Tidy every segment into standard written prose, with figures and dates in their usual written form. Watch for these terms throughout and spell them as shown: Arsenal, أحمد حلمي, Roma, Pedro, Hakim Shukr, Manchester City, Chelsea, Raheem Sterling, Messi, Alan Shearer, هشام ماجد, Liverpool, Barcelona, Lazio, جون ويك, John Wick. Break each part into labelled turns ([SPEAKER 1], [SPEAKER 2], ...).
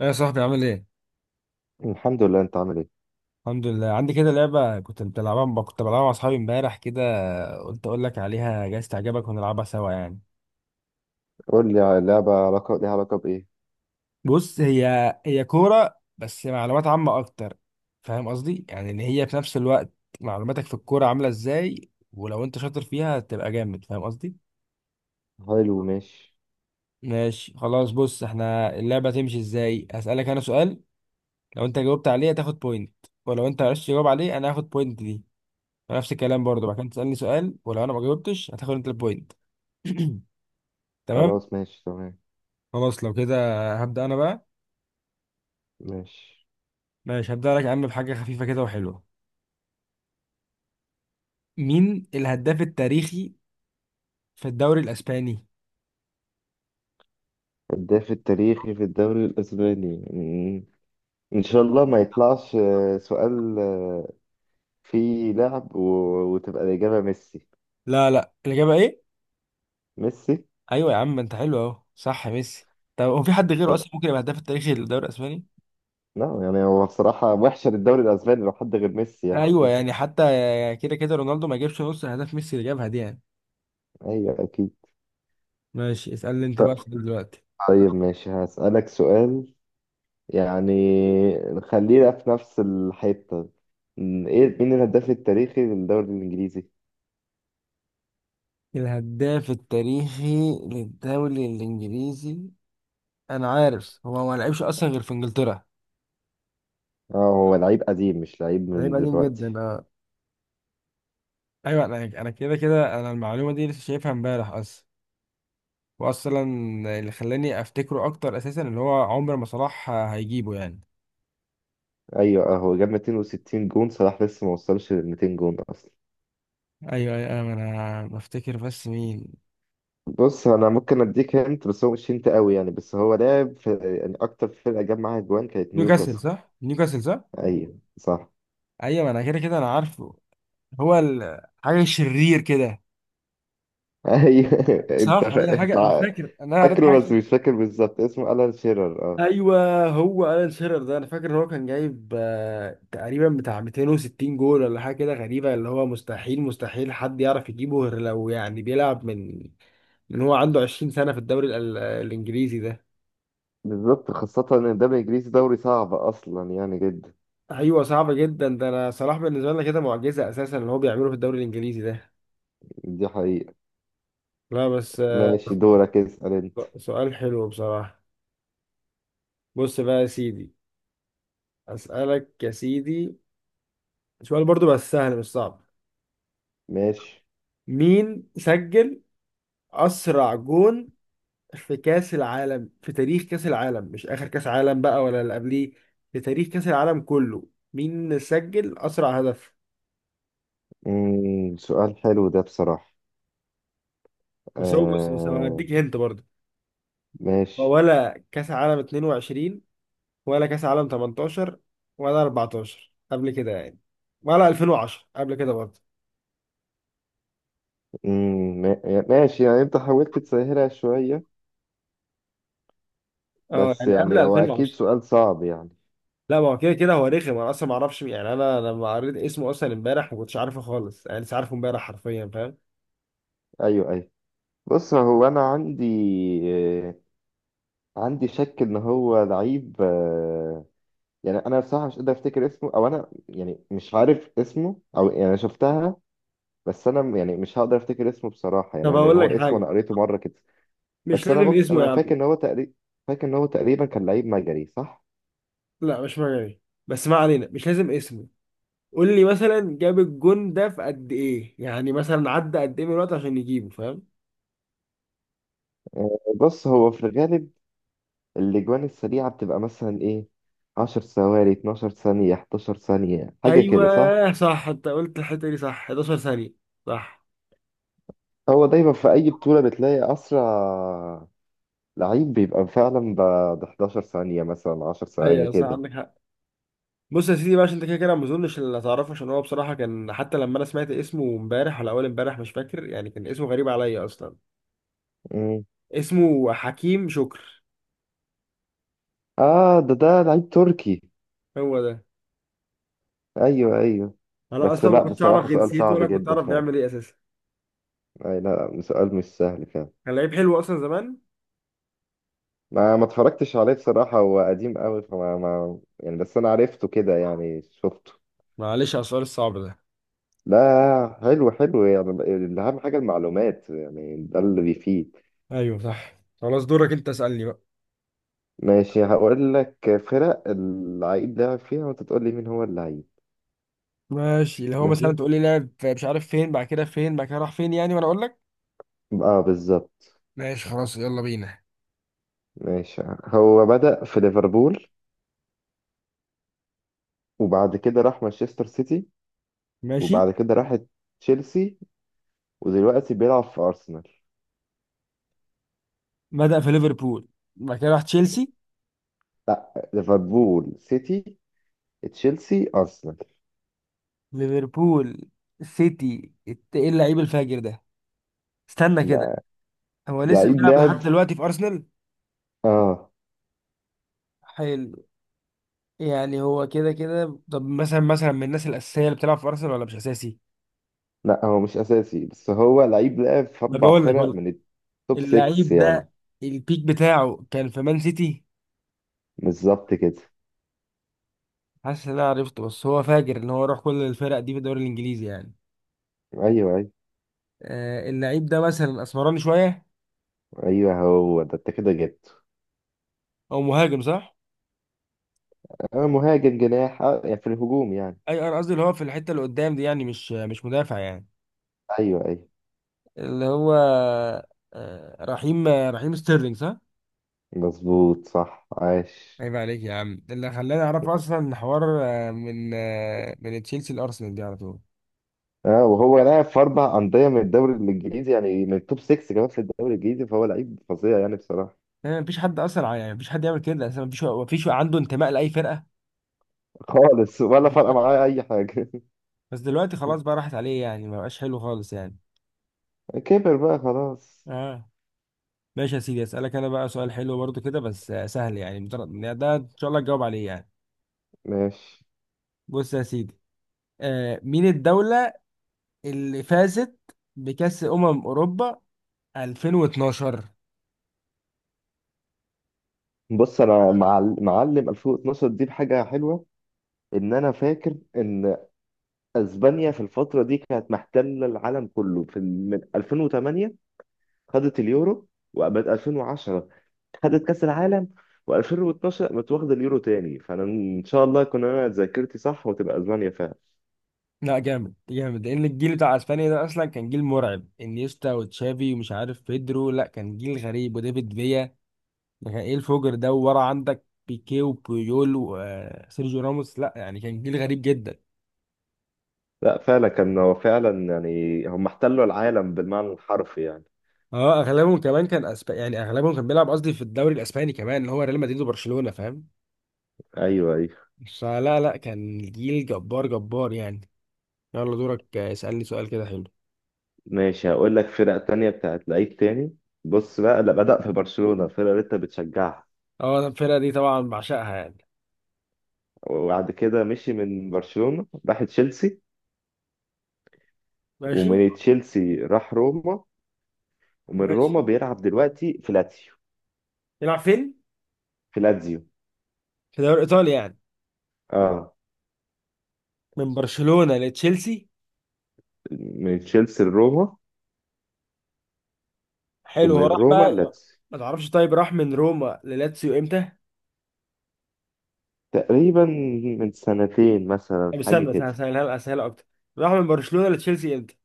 [SPEAKER 1] ايه يا صاحبي، عامل ايه؟
[SPEAKER 2] الحمد لله، انت عامل ايه؟
[SPEAKER 1] الحمد لله. عندي كده لعبة كنت بلعبها مع اصحابي امبارح كده. قلت اقول لك عليها، جايز تعجبك ونلعبها سوا يعني.
[SPEAKER 2] قول لي على لعبة ليها علاقة بإيه.
[SPEAKER 1] بص، هي كورة بس معلومات عامة اكتر. فاهم قصدي؟ يعني ان هي في نفس الوقت معلوماتك في الكورة عاملة ازاي، ولو انت شاطر فيها تبقى جامد. فاهم قصدي؟
[SPEAKER 2] حلو، ماشي.
[SPEAKER 1] ماشي خلاص. بص، احنا اللعبة تمشي ازاي؟ هسألك انا سؤال، لو انت جاوبت عليه هتاخد بوينت، ولو انت معرفتش تجاوب عليه انا هاخد بوينت دي. نفس الكلام برضه بعد كده تسألني سؤال، ولو انا ما جاوبتش هتاخد انت البوينت. تمام.
[SPEAKER 2] خلاص، ماشي تمام.
[SPEAKER 1] خلاص لو كده هبدأ انا بقى.
[SPEAKER 2] ماشي،
[SPEAKER 1] ماشي، هبدأ لك يا عم بحاجة خفيفة كده وحلوة. مين الهداف التاريخي في الدوري الاسباني؟
[SPEAKER 2] هداف التاريخي في الدوري الأسباني. إن شاء الله ما يطلعش سؤال. فيه لعب وتبقى الإجابة ميسي.
[SPEAKER 1] لا لا، الإجابة ايه؟
[SPEAKER 2] ميسي.
[SPEAKER 1] ايوه يا عم، انت حلو اهو، صح يا ميسي. طب هو في حد غيره
[SPEAKER 2] آه،
[SPEAKER 1] اصلا ممكن يبقى هداف التاريخي للدوري الاسباني؟
[SPEAKER 2] لا يعني هو بصراحة وحشة للدوري الأسباني لو حد غير ميسي يعني.
[SPEAKER 1] ايوه يعني حتى كده كده رونالدو ما جابش نص اهداف ميسي اللي جابها دي يعني.
[SPEAKER 2] أيوة أكيد.
[SPEAKER 1] ماشي، اسألني انت بقى سؤال دلوقتي.
[SPEAKER 2] طيب ماشي، هسألك سؤال. يعني خلينا في نفس الحتة. ايه، مين الهداف التاريخي للدوري الإنجليزي؟
[SPEAKER 1] الهداف التاريخي للدوري الانجليزي، انا عارف هو ما لعبش اصلا غير في انجلترا.
[SPEAKER 2] اه، هو لعيب قديم مش لعيب
[SPEAKER 1] ده
[SPEAKER 2] من
[SPEAKER 1] هيبقى قديم جدا.
[SPEAKER 2] دلوقتي.
[SPEAKER 1] ايوه، انا كده كده انا المعلومه دي لسه شايفها امبارح اصلا. واصلا اللي خلاني افتكره اكتر اساسا اللي هو عمر ما صلاح هيجيبه يعني.
[SPEAKER 2] ايوه، اه هو جاب 260 جون. صلاح لسه ما وصلش لل 200 جون اصلا.
[SPEAKER 1] ايوه ايوه، انا بفتكر بس مين.
[SPEAKER 2] بص، انا ممكن اديك هنت بس هو مش هنت قوي يعني. بس هو لعب في، يعني اكتر فرقة جاب معاها جوان كانت
[SPEAKER 1] نيوكاسل
[SPEAKER 2] نيوكاسل.
[SPEAKER 1] صح، نيوكاسل صح.
[SPEAKER 2] ايوه صح.
[SPEAKER 1] ايوه، ما انا كده كده انا عارفه. هو حاجه شرير كده.
[SPEAKER 2] ايوه، انت
[SPEAKER 1] صح، هي
[SPEAKER 2] انت
[SPEAKER 1] حاجه انا فاكر انا قريت حاجه
[SPEAKER 2] فاكره بس مش فاكر بالظبط اسمه. ألان شيرر، اه.
[SPEAKER 1] ايوه هو الان شيرر ده، انا فاكر ان هو كان جايب تقريبا بتاع 260 جول ولا حاجه كده غريبه، اللي هو مستحيل مستحيل حد يعرف يجيبه غير لو يعني بيلعب من هو عنده 20 سنة في الدوري الإنجليزي ده.
[SPEAKER 2] بالظبط، خاصة إن الدوري الإنجليزي دوري صعب أصلا يعني جدا.
[SPEAKER 1] أيوة صعب جدا، ده أنا صلاح بالنسبة لنا كده معجزة أساسا اللي هو بيعمله في الدوري الإنجليزي ده.
[SPEAKER 2] دي حقيقة.
[SPEAKER 1] لا بس
[SPEAKER 2] ماشي، دورك اسأل انت.
[SPEAKER 1] سؤال حلو بصراحة. بص بقى يا سيدي، أسألك يا سيدي سؤال برضو بس سهل مش صعب.
[SPEAKER 2] ماشي.
[SPEAKER 1] مين سجل أسرع جون في كأس العالم، في تاريخ كأس العالم؟ مش آخر كأس عالم بقى ولا اللي قبليه، في تاريخ كأس العالم كله، مين سجل أسرع هدف؟
[SPEAKER 2] سؤال حلو ده بصراحة.
[SPEAKER 1] بس هو، بص، بس
[SPEAKER 2] آه.
[SPEAKER 1] هديك هنت برضو.
[SPEAKER 2] ماشي.
[SPEAKER 1] ولا كاس عالم 22، ولا كاس عالم 18، ولا 14 قبل كده يعني، ولا 2010 قبل كده برضه.
[SPEAKER 2] ماشي، يعني انت حاولت تسهلها شوية
[SPEAKER 1] اه
[SPEAKER 2] بس
[SPEAKER 1] يعني قبل
[SPEAKER 2] يعني هو اكيد
[SPEAKER 1] 2010.
[SPEAKER 2] سؤال صعب يعني.
[SPEAKER 1] لا ما هو كده كده هو رخم، انا اصلا ما اعرفش مين. يعني انا لما قريت اسمه اصلا امبارح ما كنتش عارفه خالص، يعني لسه عارفه امبارح حرفيا، فاهم.
[SPEAKER 2] ايوه ايوه. بص هو انا عندي، آه، عندي شك ان هو لعيب. يعني انا بصراحة مش قادر افتكر اسمه، او انا يعني مش عارف اسمه، او يعني شفتها. بس انا يعني مش هقدر افتكر اسمه بصراحة يعني،
[SPEAKER 1] طب
[SPEAKER 2] لان
[SPEAKER 1] هقول
[SPEAKER 2] هو
[SPEAKER 1] لك
[SPEAKER 2] اسمه
[SPEAKER 1] حاجه،
[SPEAKER 2] انا قريته مرة كده.
[SPEAKER 1] مش
[SPEAKER 2] بس انا
[SPEAKER 1] لازم
[SPEAKER 2] ممكن
[SPEAKER 1] اسمه
[SPEAKER 2] انا
[SPEAKER 1] يا
[SPEAKER 2] فاكر
[SPEAKER 1] عم.
[SPEAKER 2] ان هو تقريبا، فاكر ان هو تقريبا كان لعيب مجري، صح؟
[SPEAKER 1] لا، مش مجاني. بس ما علينا، مش لازم اسمه. قول لي مثلا جاب الجون ده في قد ايه، يعني مثلا عدى قد ايه من الوقت عشان يجيبه، فاهم.
[SPEAKER 2] بص هو في الغالب الاجوان السريعه بتبقى مثلا ايه، 10 ثواني، 12 ثانيه، 11 ثانيه، حاجه كده صح.
[SPEAKER 1] ايوه صح، انت قلت الحته دي صح، 11 ثانيه، صح.
[SPEAKER 2] هو دايما في اي بطوله بتلاقي اسرع لعيب بيبقى فعلا ب 11 ثانيه، مثلا 10 ثواني
[SPEAKER 1] ايوه صح،
[SPEAKER 2] كده.
[SPEAKER 1] عندك حق. بص يا سيدي بقى، عشان انت كده كده ما اظنش اللي هتعرفه، عشان هو بصراحه كان، حتى لما انا سمعت اسمه امبارح ولا اول امبارح مش فاكر يعني، كان اسمه غريب عليا اصلا.
[SPEAKER 2] مم.
[SPEAKER 1] اسمه حكيم شكر.
[SPEAKER 2] اه، ده لعيب تركي.
[SPEAKER 1] هو ده.
[SPEAKER 2] ايوه ايوه.
[SPEAKER 1] انا
[SPEAKER 2] بس
[SPEAKER 1] اصلا ما
[SPEAKER 2] لا
[SPEAKER 1] كنتش اعرف
[SPEAKER 2] بصراحه، سؤال
[SPEAKER 1] جنسيته
[SPEAKER 2] صعب
[SPEAKER 1] ولا كنت
[SPEAKER 2] جدا
[SPEAKER 1] اعرف
[SPEAKER 2] فعلا.
[SPEAKER 1] بيعمل ايه اساسا.
[SPEAKER 2] أي لا، سؤال مش سهل فعلا.
[SPEAKER 1] كان لعيب حلو اصلا زمان.
[SPEAKER 2] ما اتفرجتش عليه بصراحة، هو قديم قوي فما ما يعني، بس أنا عرفته كده يعني، شفته.
[SPEAKER 1] معلش على السؤال الصعب ده.
[SPEAKER 2] لا حلو حلو، يعني أهم حاجة المعلومات يعني، ده اللي بيفيد.
[SPEAKER 1] ايوه صح، خلاص دورك انت اسالني بقى.
[SPEAKER 2] ماشي، هقول لك فرق اللعيب لعب فيها وأنت تقول لي مين هو اللعيب.
[SPEAKER 1] ماشي، اللي هو
[SPEAKER 2] ماشي.
[SPEAKER 1] مثلا تقول لي لعب مش عارف فين، بعد كده فين، بعد كده راح فين يعني، وانا اقول لك.
[SPEAKER 2] اه بالظبط.
[SPEAKER 1] ماشي خلاص، يلا بينا.
[SPEAKER 2] ماشي، هو بدأ في ليفربول، وبعد كده راح مانشستر سيتي،
[SPEAKER 1] ماشي،
[SPEAKER 2] وبعد كده راح تشيلسي، ودلوقتي بيلعب في أرسنال.
[SPEAKER 1] بدأ في ليفربول، بعد كده راح تشيلسي.
[SPEAKER 2] لا، ليفربول، سيتي، تشيلسي، أرسنال.
[SPEAKER 1] ليفربول، سيتي، ايه اللعيب الفاجر ده؟ استنى كده، هو لسه
[SPEAKER 2] لعيب
[SPEAKER 1] بيلعب
[SPEAKER 2] لعب
[SPEAKER 1] لحد دلوقتي في ارسنال.
[SPEAKER 2] اه
[SPEAKER 1] حلو. يعني هو كده كده، طب مثلا من الناس الاساسيه اللي بتلعب في ارسنال ولا مش اساسي؟
[SPEAKER 2] لا، هو مش اساسي بس هو لعيب لعب في
[SPEAKER 1] طب
[SPEAKER 2] اربع
[SPEAKER 1] بقول لك بقول
[SPEAKER 2] فرق
[SPEAKER 1] لك
[SPEAKER 2] من التوب 6
[SPEAKER 1] اللعيب
[SPEAKER 2] يعني.
[SPEAKER 1] ده البيك بتاعه كان في مان سيتي.
[SPEAKER 2] بالظبط كده.
[SPEAKER 1] حاسس ان انا عرفته، بس هو فاجر ان هو راح كل الفرق دي في الدوري الانجليزي يعني.
[SPEAKER 2] ايوه ايوه.
[SPEAKER 1] اللعيب ده مثلا اسمراني شويه،
[SPEAKER 2] ايوه هو ده، انت كده جبته.
[SPEAKER 1] او مهاجم، صح؟
[SPEAKER 2] مهاجم جناح، يعني في الهجوم يعني.
[SPEAKER 1] اي انا قصدي اللي هو في الحته اللي قدام دي يعني، مش مدافع يعني.
[SPEAKER 2] ايوه ايوه.
[SPEAKER 1] اللي هو رحيم ستيرلينج، صح؟
[SPEAKER 2] مظبوط، صح، عاش.
[SPEAKER 1] عيب عليك يا عم، ده اللي خلاني اعرف اصلا حوار من تشيلسي لارسنال دي على طول.
[SPEAKER 2] اه، وهو لاعب في اربع انديه من الدوري الانجليزي يعني، من التوب 6 كمان في الدوري الانجليزي، فهو لعيب فظيع يعني بصراحه.
[SPEAKER 1] يعني مفيش حد اصلا يعني مفيش حد يعمل كده اصلا، مفيش عنده انتماء لاي فرقه.
[SPEAKER 2] خالص، ولا فارقه
[SPEAKER 1] آه.
[SPEAKER 2] معاه اي حاجه.
[SPEAKER 1] بس دلوقتي خلاص بقى راحت عليه يعني، ما بقاش حلو خالص يعني.
[SPEAKER 2] كبر بقى خلاص.
[SPEAKER 1] اه. ماشي يا سيدي، اسالك انا بقى سؤال حلو برضو كده بس سهل يعني، مجرد إن ده ان شاء الله تجاوب عليه يعني.
[SPEAKER 2] ماشي.
[SPEAKER 1] بص يا سيدي، مين الدوله اللي فازت بكاس اوروبا 2012؟
[SPEAKER 2] بص انا معلم 2012 دي بحاجه حلوه. ان انا فاكر ان اسبانيا في الفتره دي كانت محتله العالم كله في من 2008 خدت اليورو، وبعد 2010 خدت كاس العالم، و2012 قامت واخده اليورو تاني. فانا ان شاء الله يكون انا ذاكرتي صح وتبقى اسبانيا فعلا.
[SPEAKER 1] لا جامد جامد، لان الجيل بتاع اسبانيا ده اصلا كان جيل مرعب، انيستا وتشافي ومش عارف بيدرو. لا كان جيل غريب، وديفيد فيا. ده كان ايه الفجر ده، وورا عندك بيكيه وبويول وسيرجيو راموس. لا يعني كان جيل غريب جدا.
[SPEAKER 2] لا فعلا، كان هو فعلا يعني، هم احتلوا العالم بالمعنى الحرفي يعني.
[SPEAKER 1] اه اغلبهم كمان كان اسباني يعني، اغلبهم كان بيلعب، قصدي في الدوري الاسباني كمان، اللي هو ريال مدريد وبرشلونة، فاهم.
[SPEAKER 2] ايوه ايوه.
[SPEAKER 1] فلا لا، كان جيل جبار جبار يعني. يلا دورك، اسألني سؤال كده حلو.
[SPEAKER 2] ماشي، هقول لك فرق تانية بتاعت لعيب تاني. بص بقى، لا، بدأ في برشلونة، فرقة اللي انت بتشجعها.
[SPEAKER 1] اه، الفرقة دي طبعا بعشقها يعني.
[SPEAKER 2] وبعد كده مشي من برشلونة راح تشيلسي.
[SPEAKER 1] ماشي.
[SPEAKER 2] ومن تشيلسي راح روما. ومن
[SPEAKER 1] ماشي،
[SPEAKER 2] روما بيلعب دلوقتي في لاتسيو.
[SPEAKER 1] يلعب فين؟
[SPEAKER 2] في لاتسيو.
[SPEAKER 1] في دوري ايطاليا يعني.
[SPEAKER 2] اه،
[SPEAKER 1] من برشلونة لتشيلسي.
[SPEAKER 2] من تشيلسي لروما،
[SPEAKER 1] حلو. هو
[SPEAKER 2] ومن
[SPEAKER 1] راح
[SPEAKER 2] روما
[SPEAKER 1] بقى.
[SPEAKER 2] لاتسيو.
[SPEAKER 1] ما تعرفش؟ طيب راح من روما للاتسيو امتى؟
[SPEAKER 2] تقريبا من سنتين، مثلا
[SPEAKER 1] طب
[SPEAKER 2] حاجة
[SPEAKER 1] استنى استنى
[SPEAKER 2] كده.
[SPEAKER 1] استنى، اسهلها اكتر. راح من برشلونة لتشيلسي امتى؟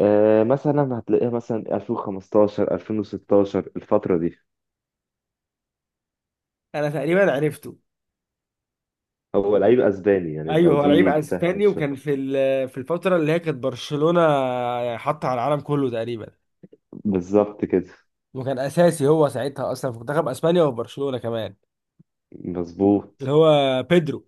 [SPEAKER 2] آه، مثلا هتلاقيها مثلا 2015، 2016، الفترة دي.
[SPEAKER 1] انا تقريبا عرفته.
[SPEAKER 2] هو لعيب اسباني يعني،
[SPEAKER 1] ايوه
[SPEAKER 2] لو
[SPEAKER 1] هو لعيب
[SPEAKER 2] دي تسهل
[SPEAKER 1] اسباني، وكان
[SPEAKER 2] شوية.
[SPEAKER 1] في في الفترة اللي هي كانت برشلونة حاطة على العالم كله تقريبا.
[SPEAKER 2] بالظبط كده.
[SPEAKER 1] وكان اساسي هو ساعتها اصلا في منتخب اسبانيا وفي برشلونة كمان.
[SPEAKER 2] مظبوط،
[SPEAKER 1] اللي هو بيدرو.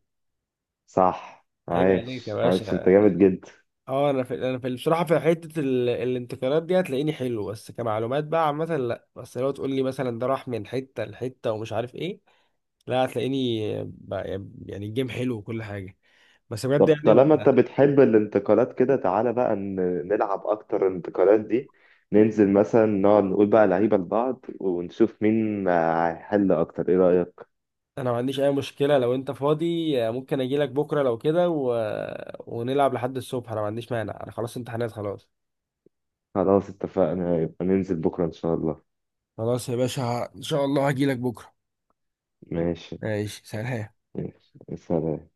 [SPEAKER 2] صح،
[SPEAKER 1] عيب عليك يا
[SPEAKER 2] عايش عايش، انت
[SPEAKER 1] باشا.
[SPEAKER 2] جامد جدا.
[SPEAKER 1] اه انا في بصراحه في حته الانتقالات دي هتلاقيني حلو، بس كمعلومات بقى عامه لا، بس لو تقول لي مثلا ده راح من حته لحته ومش عارف ايه، لا هتلاقيني بقى. يعني الجيم حلو وكل حاجه، بس
[SPEAKER 2] طب
[SPEAKER 1] بجد يعني
[SPEAKER 2] طالما
[SPEAKER 1] انا،
[SPEAKER 2] انت بتحب الانتقالات كده، تعالى بقى نلعب اكتر الانتقالات دي. ننزل مثلا، نقعد نقول بقى لعيبة لبعض ونشوف مين هيحل اكتر، ايه رأيك؟
[SPEAKER 1] انا ما عنديش اي مشكله. لو انت فاضي ممكن اجي لك بكره لو كده ونلعب لحد الصبح، انا ما عنديش مانع، انا خلاص امتحانات خلاص.
[SPEAKER 2] خلاص اتفقنا، يبقى ننزل بكرة ان شاء الله.
[SPEAKER 1] خلاص يا باشا، ان شاء الله هجي لك بكره.
[SPEAKER 2] ماشي.
[SPEAKER 1] ماشي سلام.
[SPEAKER 2] ماشي، سلام.